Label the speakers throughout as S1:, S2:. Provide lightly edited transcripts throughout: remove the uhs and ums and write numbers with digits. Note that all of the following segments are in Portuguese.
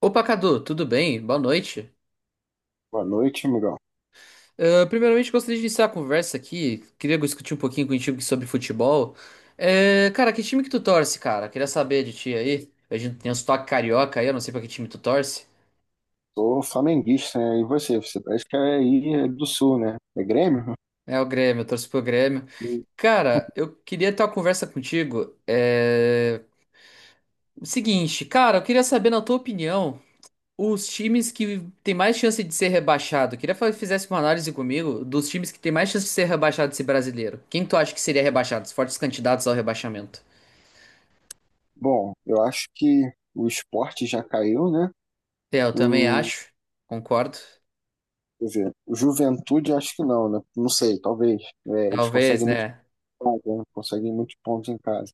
S1: Opa, Cadu, tudo bem? Boa noite.
S2: Boa noite, amigão.
S1: Ah, primeiramente, gostaria de iniciar a conversa aqui. Queria discutir um pouquinho contigo sobre futebol. Cara, que time que tu torce, cara? Queria saber de ti aí. A gente tem um sotaque carioca aí, eu não sei pra que time tu torce.
S2: Sou flamenguista, né? E você? Você parece que é aí do Sul, né? É Grêmio?
S1: É o Grêmio, eu torço pro Grêmio.
S2: Hum.
S1: Cara, eu queria ter uma conversa contigo. O seguinte, cara, eu queria saber na tua opinião. Os times que tem mais chance de ser rebaixado, queria fizesse uma análise comigo dos times que tem mais chance de ser rebaixado desse brasileiro. Quem tu acha que seria rebaixado? Os fortes candidatos ao rebaixamento.
S2: Bom, eu acho que o esporte já caiu, né?
S1: É, eu também
S2: Hum,
S1: acho, concordo.
S2: Quer dizer, o Juventude acho que não, né? Não sei, talvez. É, eles
S1: Talvez,
S2: conseguem muitos
S1: né?
S2: pontos, né? Conseguem muitos pontos em casa.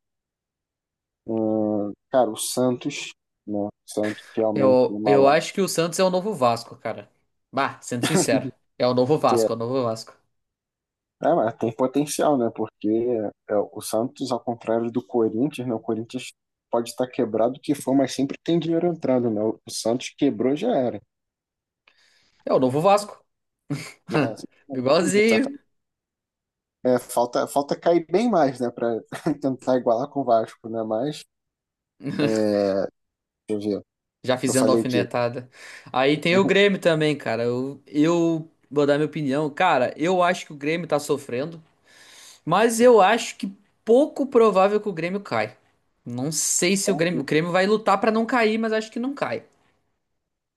S2: Cara, o Santos, né? O Santos realmente é
S1: Eu,
S2: uma
S1: eu
S2: lateral.
S1: acho que o Santos é o novo Vasco, cara. Bah, sendo sincero, é o novo Vasco, é o novo Vasco.
S2: É, mas tem potencial, né? Porque é, o Santos, ao contrário do Corinthians, né? O Corinthians pode estar quebrado o que for, mas sempre tem dinheiro entrando, né? O Santos quebrou, já era,
S1: É o novo Vasco.
S2: né?
S1: Igualzinho.
S2: Exatamente. É, falta cair bem mais, né? Pra tentar igualar com o Vasco, né? Mas, é, deixa eu ver.
S1: Já
S2: Eu
S1: fizendo
S2: falei o quê?
S1: alfinetada. Aí tem o Grêmio também, cara. Eu vou dar minha opinião. Cara, eu acho que o Grêmio tá sofrendo. Mas eu acho que pouco provável que o Grêmio caia. Não sei se o Grêmio, o Grêmio vai lutar pra não cair, mas acho que não cai.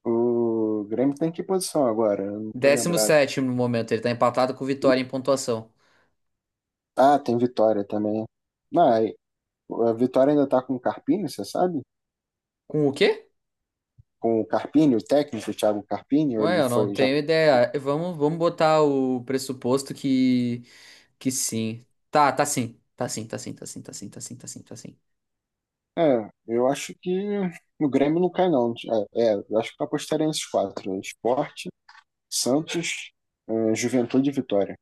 S2: O Grêmio tem que posição agora? Eu não tô
S1: Décimo
S2: lembrado.
S1: sétimo no momento, ele tá empatado com o Vitória em pontuação.
S2: Ah, tem Vitória também. Não, aí, a Vitória ainda tá com o Carpini, você sabe?
S1: Com o quê?
S2: Com o Carpini, o técnico, o Thiago Carpini,
S1: Ué,
S2: ele
S1: eu não
S2: foi já.
S1: tenho ideia. Vamos botar o pressuposto que sim. Tá, tá sim. Tá sim, tá sim, tá sim, tá sim, tá sim, tá sim, tá sim.
S2: É, eu acho que o Grêmio não cai, não. É, é, eu acho que eu apostaria nesses quatro: né, Sport, Santos, Juventude e Vitória.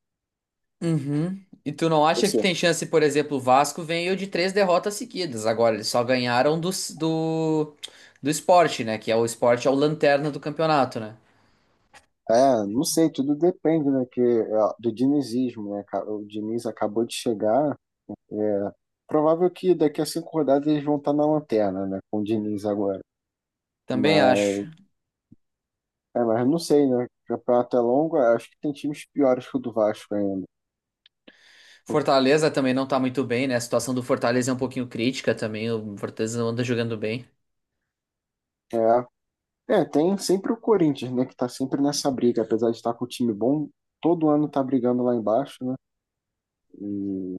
S1: Uhum. E tu não acha que
S2: Você?
S1: tem chance, por exemplo, o Vasco veio de três derrotas seguidas. Agora, eles só ganharam do, do Sport, né? Que é o Sport, é o lanterna do campeonato, né?
S2: É, não sei, tudo depende, né, que, é, do dinizismo, né, o Diniz acabou de chegar, é, provável que daqui a cinco rodadas eles vão estar na lanterna, né, com o Diniz agora,
S1: Também acho.
S2: mas, é, mas não sei, né, o campeonato é longo, acho que tem times piores que o do Vasco ainda,
S1: Fortaleza também não tá muito bem, né? A situação do Fortaleza é um pouquinho crítica também. O Fortaleza não anda jogando bem.
S2: é. É, tem sempre o Corinthians, né, que tá sempre nessa briga, apesar de estar com o time bom, todo ano tá brigando lá embaixo, né? E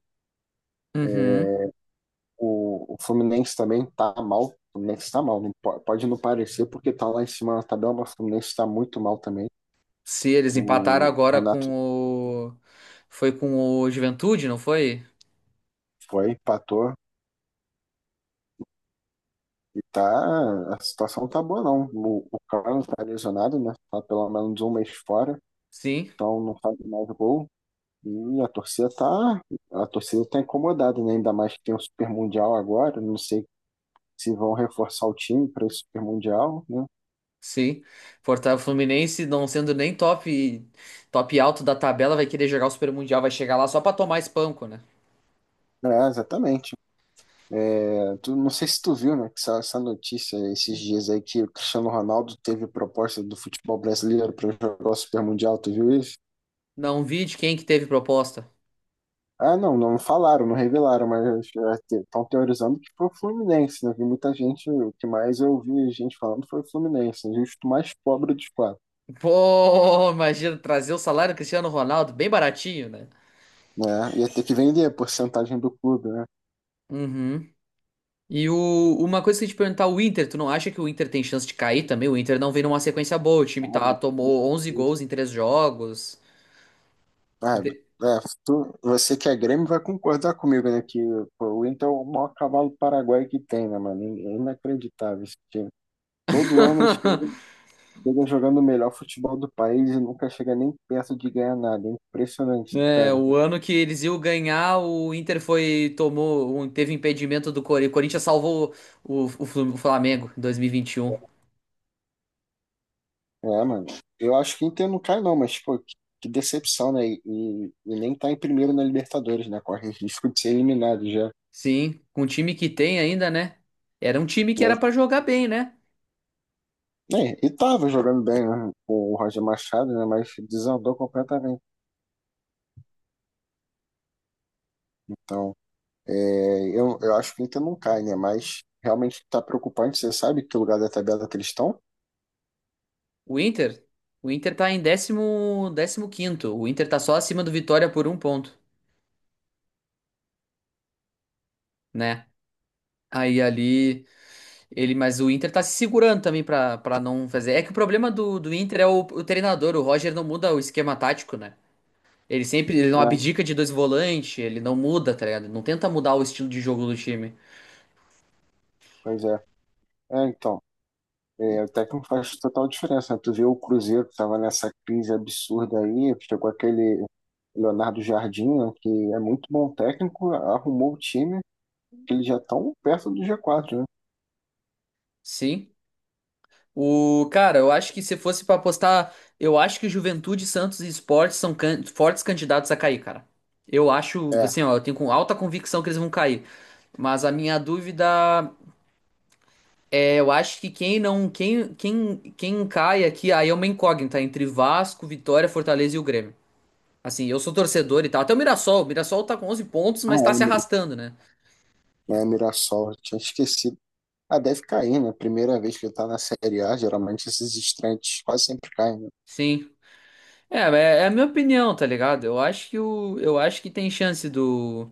S1: Uhum.
S2: o Fluminense também tá mal. O Fluminense tá mal, pode não parecer porque tá lá em cima na tabela, mas o Fluminense tá muito mal também.
S1: Se eles empataram
S2: O
S1: agora com
S2: Renato
S1: o. Foi com o Juventude, não foi?
S2: foi, empatou e tá, a situação não tá boa, não. O Carlos tá lesionado, né? Tá pelo menos um mês fora,
S1: Sim.
S2: então não faz mais gol. E a torcida tá incomodada, né? Ainda mais que tem o Super Mundial agora, não sei se vão reforçar o time para esse Super Mundial, né?
S1: Sim. Fortaleza Fluminense não sendo nem top top alto da tabela, vai querer jogar o Super Mundial, vai chegar lá só pra tomar espanco, né?
S2: É, exatamente. É, tu, não sei se tu viu, né, que essa notícia esses dias aí que o Cristiano Ronaldo teve proposta do futebol brasileiro para jogar o Super Mundial, tu viu isso?
S1: Não vi de quem que teve proposta.
S2: Ah, não, não falaram, não revelaram, mas estão teorizando que foi o Fluminense, né? Vi muita gente, o que mais eu vi gente falando foi o Fluminense, né? Justo o mais pobre dos quatro.
S1: Pô, imagina trazer o salário do Cristiano Ronaldo bem baratinho, né?
S2: Né? Ia ter que vender a porcentagem do clube, né?
S1: Uhum. E o, uma coisa que eu ia te perguntar, o Inter, tu não acha que o Inter tem chance de cair também? O Inter não vem numa sequência boa, o time tá,
S2: Claro.
S1: tomou 11 gols em 3 jogos.
S2: Sabe?
S1: De-
S2: É, você que é Grêmio vai concordar comigo, né? Que pô, o Inter é o maior cavalo paraguaio que tem, né, mano? É inacreditável esse time. Todo ano chega, chega jogando o melhor futebol do país e nunca chega nem perto de ganhar nada. É impressionante,
S1: É,
S2: cara.
S1: o
S2: Né?
S1: ano que eles iam ganhar, o Inter foi, tomou, um- teve impedimento do Corinthians. O Corinthians salvou Flu- o Flamengo em 2021.
S2: É, mano. Eu acho que o Inter não cai, não, mas, pô, que decepção, né? E nem tá em primeiro na Libertadores, né? Corre risco de ser eliminado já.
S1: Sim, com o time que tem ainda, né? Era um time que
S2: Né?
S1: era pra jogar bem, né?
S2: É, e tava jogando bem, né, com o Roger Machado, né, mas desandou completamente. Então, é, eu acho que o Inter não cai, né, mas realmente tá preocupante. Você sabe que lugar da tabela que eles estão?
S1: O Inter, o Inter tá em décimo, décimo quinto. O Inter tá só acima do Vitória por um ponto, né? Aí ali, ele, mas o Inter tá se segurando também para não fazer. É que o problema do Inter é o treinador. O Roger não muda o esquema tático, né? Ele sempre, ele não
S2: É,
S1: abdica de dois volantes, ele não muda, tá ligado? Não tenta mudar o estilo de jogo do time.
S2: pois é. É, então, é, o técnico faz total diferença, né? Tu vê o Cruzeiro que tava nessa crise absurda aí, chegou aquele Leonardo Jardim, né, que é muito bom técnico, arrumou o time, eles já estão perto do G4, né?
S1: Sim. O, cara, eu acho que se fosse pra apostar, eu acho que Juventude, Santos e Sport fortes candidatos a cair, cara. Eu acho,
S2: É,
S1: assim, ó, eu tenho com alta convicção que eles vão cair. Mas a minha dúvida é, eu acho que quem não, quem, quem, quem cai aqui, aí é uma incógnita entre Vasco, Vitória, Fortaleza e o Grêmio. Assim, eu sou torcedor e tal. Até o Mirassol tá com 11 pontos,
S2: a
S1: mas tá se
S2: Emira,
S1: arrastando, né?
S2: né, Mirassol, eu tinha esquecido. Ah, deve cair, né? Primeira vez que ele tá na Série A, geralmente esses estreantes quase sempre caem, né?
S1: Sim. É, é a minha opinião, tá ligado? Eu acho que o, eu acho que tem chance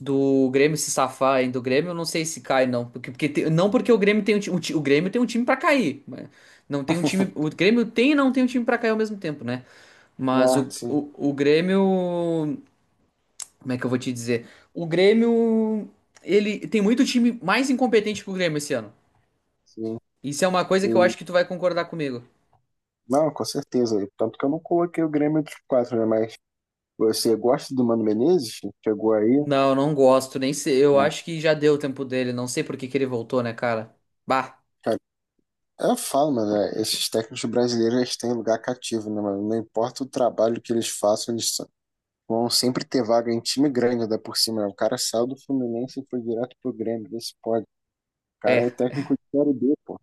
S1: do Grêmio se safar, hein? Do Grêmio eu não sei se cai, não. Porque, não porque o Grêmio tem o Grêmio tem um time pra cair, mas não tem um time. O Grêmio tem e não tem um time pra cair ao mesmo tempo, né? Mas
S2: Ah, sim,
S1: o Grêmio. Como é que eu vou te dizer? O Grêmio. Ele tem muito time mais incompetente que o Grêmio esse ano.
S2: sim.
S1: Isso é uma coisa que eu
S2: E-
S1: acho que tu vai concordar comigo.
S2: não, com certeza. Tanto que eu não coloquei o Grêmio entre os quatro, né? Mas você gosta do Mano Menezes? Chegou aí?
S1: Não, não gosto. Nem sei. Eu
S2: Né?
S1: acho que já deu o tempo dele. Não sei por que que ele voltou, né, cara? Bah,
S2: Cara, eu falo, mano, é, esses técnicos brasileiros eles têm lugar cativo, né, mano? Não importa o trabalho que eles façam, eles são- vão sempre ter vaga em time grande, ainda por cima. Né? O cara saiu do Fluminense e foi direto pro Grêmio, vê se pode. O
S1: é.
S2: cara é técnico de Série B, pô.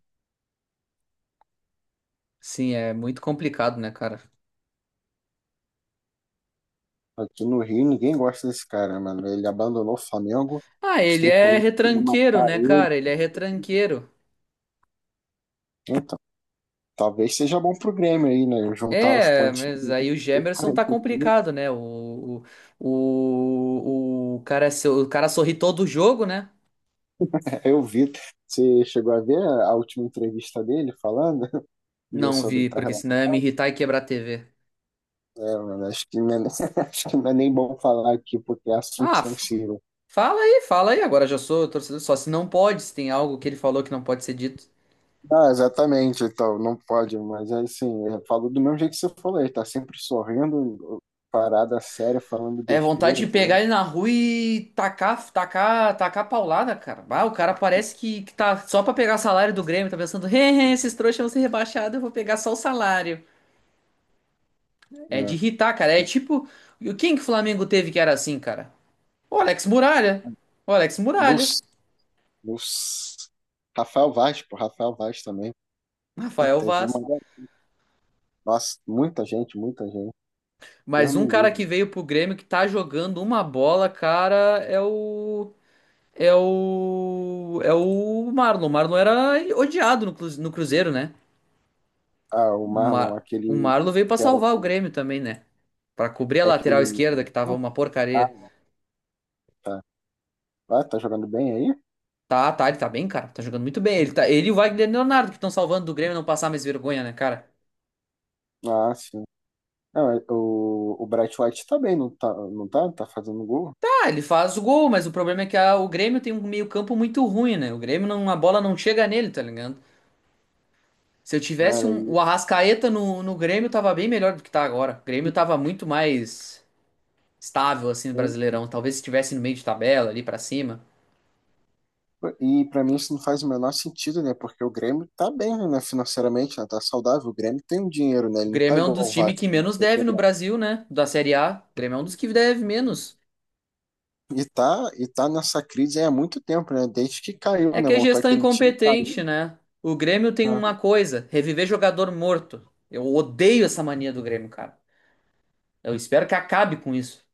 S1: Sim, é muito complicado, né, cara?
S2: Aqui no Rio ninguém gosta desse cara, mano. Ele abandonou o Flamengo,
S1: Ah,
S2: os
S1: ele é
S2: tricolores queriam
S1: retranqueiro,
S2: matar
S1: né,
S2: ele.
S1: cara? Ele é retranqueiro.
S2: Então, talvez seja bom pro Grêmio aí, né? Juntar os
S1: É, mas
S2: pontinhos.
S1: aí o Gemerson tá complicado, né? O cara, o cara sorri todo o jogo, né?
S2: Eu vi, você chegou a ver a última entrevista dele falando
S1: Não
S2: sobre
S1: vi,
S2: tá
S1: porque
S2: relação?
S1: senão ia me irritar e quebrar a TV.
S2: É, mano, acho que, não é, acho que não é nem bom falar aqui porque é assunto
S1: Ah,
S2: sensível.
S1: fala aí, fala aí. Agora já sou torcedor só. Se não pode, se tem algo que ele falou que não pode ser dito.
S2: Ah, exatamente, então, não pode, mas é assim, eu falo do mesmo jeito que você falou, ele tá sempre sorrindo, parada séria, falando
S1: É vontade
S2: besteira,
S1: de
S2: tá vendo?
S1: pegar ele na rua e tacar, tacar, tacar paulada, cara. Ah, o cara parece que tá só pra pegar salário do Grêmio, tá pensando, "Hehe, esses trouxas vão ser rebaixados, eu vou pegar só o salário. É de
S2: É.
S1: irritar, cara. É tipo, quem que o Flamengo teve que era assim, cara? O Alex Muralha. O Alex Muralha.
S2: Bus, Bus. Rafael Vaz, pô, Rafael Vaz também.
S1: Rafael
S2: Teve uma.
S1: Vaz.
S2: Nossa, muita gente, muita gente. Deus
S1: Mas um
S2: me
S1: cara que
S2: livre.
S1: veio pro Grêmio que tá jogando uma bola, cara, é o. É o. É o Marlon. O Marlon era odiado no Cruzeiro, né?
S2: Ah, o
S1: O Mar...
S2: Marlon,
S1: o
S2: aquele
S1: Marlon veio pra
S2: que era.
S1: salvar o Grêmio também, né? Pra cobrir a
S2: É aquele.
S1: lateral esquerda, que tava uma porcaria.
S2: Ah, tá. Tá. Ah, tá jogando bem aí?
S1: Tá, tá, ele tá bem, cara. Tá jogando muito bem. Ele e o Wagner Leonardo que estão salvando do Grêmio não passar mais vergonha, né, cara?
S2: Ah, sim. Não, o Bright White tá bem, não tá? Não tá, tá fazendo gol?
S1: Ah, ele faz o gol, mas o problema é que o Grêmio tem um meio-campo muito ruim, né? O Grêmio não, a bola não chega nele, tá ligado? Se eu tivesse
S2: Cara,
S1: um, o Arrascaeta no Grêmio, tava bem melhor do que tá agora. O Grêmio tava muito mais estável, assim, no Brasileirão. Talvez se estivesse no meio de tabela, ali pra cima.
S2: e pra mim isso não faz o menor sentido, né? Porque o Grêmio tá bem, né, financeiramente, né? Tá saudável. O Grêmio tem um dinheiro, né?
S1: O
S2: Ele não tá
S1: Grêmio é um
S2: igual o
S1: dos times
S2: Vasco.
S1: que menos deve no Brasil, né? Da Série A. O Grêmio é um dos que deve menos.
S2: E tá nessa crise aí há muito tempo, né? Desde que caiu,
S1: É
S2: né?
S1: que é
S2: Montou
S1: gestão é
S2: aquele time e
S1: incompetente,
S2: caiu,
S1: né? O Grêmio tem
S2: né?
S1: uma coisa: reviver jogador morto. Eu odeio essa mania do Grêmio, cara. Eu espero que acabe com isso.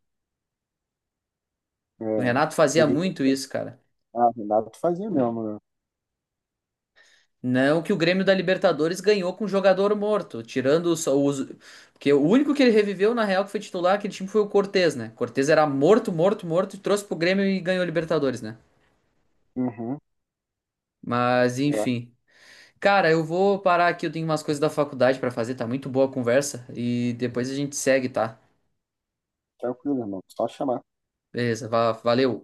S1: O
S2: É,
S1: Renato fazia muito
S2: evidente-
S1: isso, cara.
S2: ah, Renato fazia mesmo, né?
S1: Não que o Grêmio da Libertadores ganhou com jogador morto, tirando só os. Porque o único que ele reviveu, na real, que foi titular aquele time foi o Cortez, né? Cortez era morto, morto, morto, e trouxe pro Grêmio e ganhou a Libertadores, né?
S2: Uhum,
S1: Mas,
S2: é,
S1: enfim. Cara, eu vou parar aqui, eu tenho umas coisas da faculdade pra fazer, tá muito boa a conversa e depois a gente segue, tá?
S2: tranquilo, irmão. Só chamar.
S1: Beleza, valeu.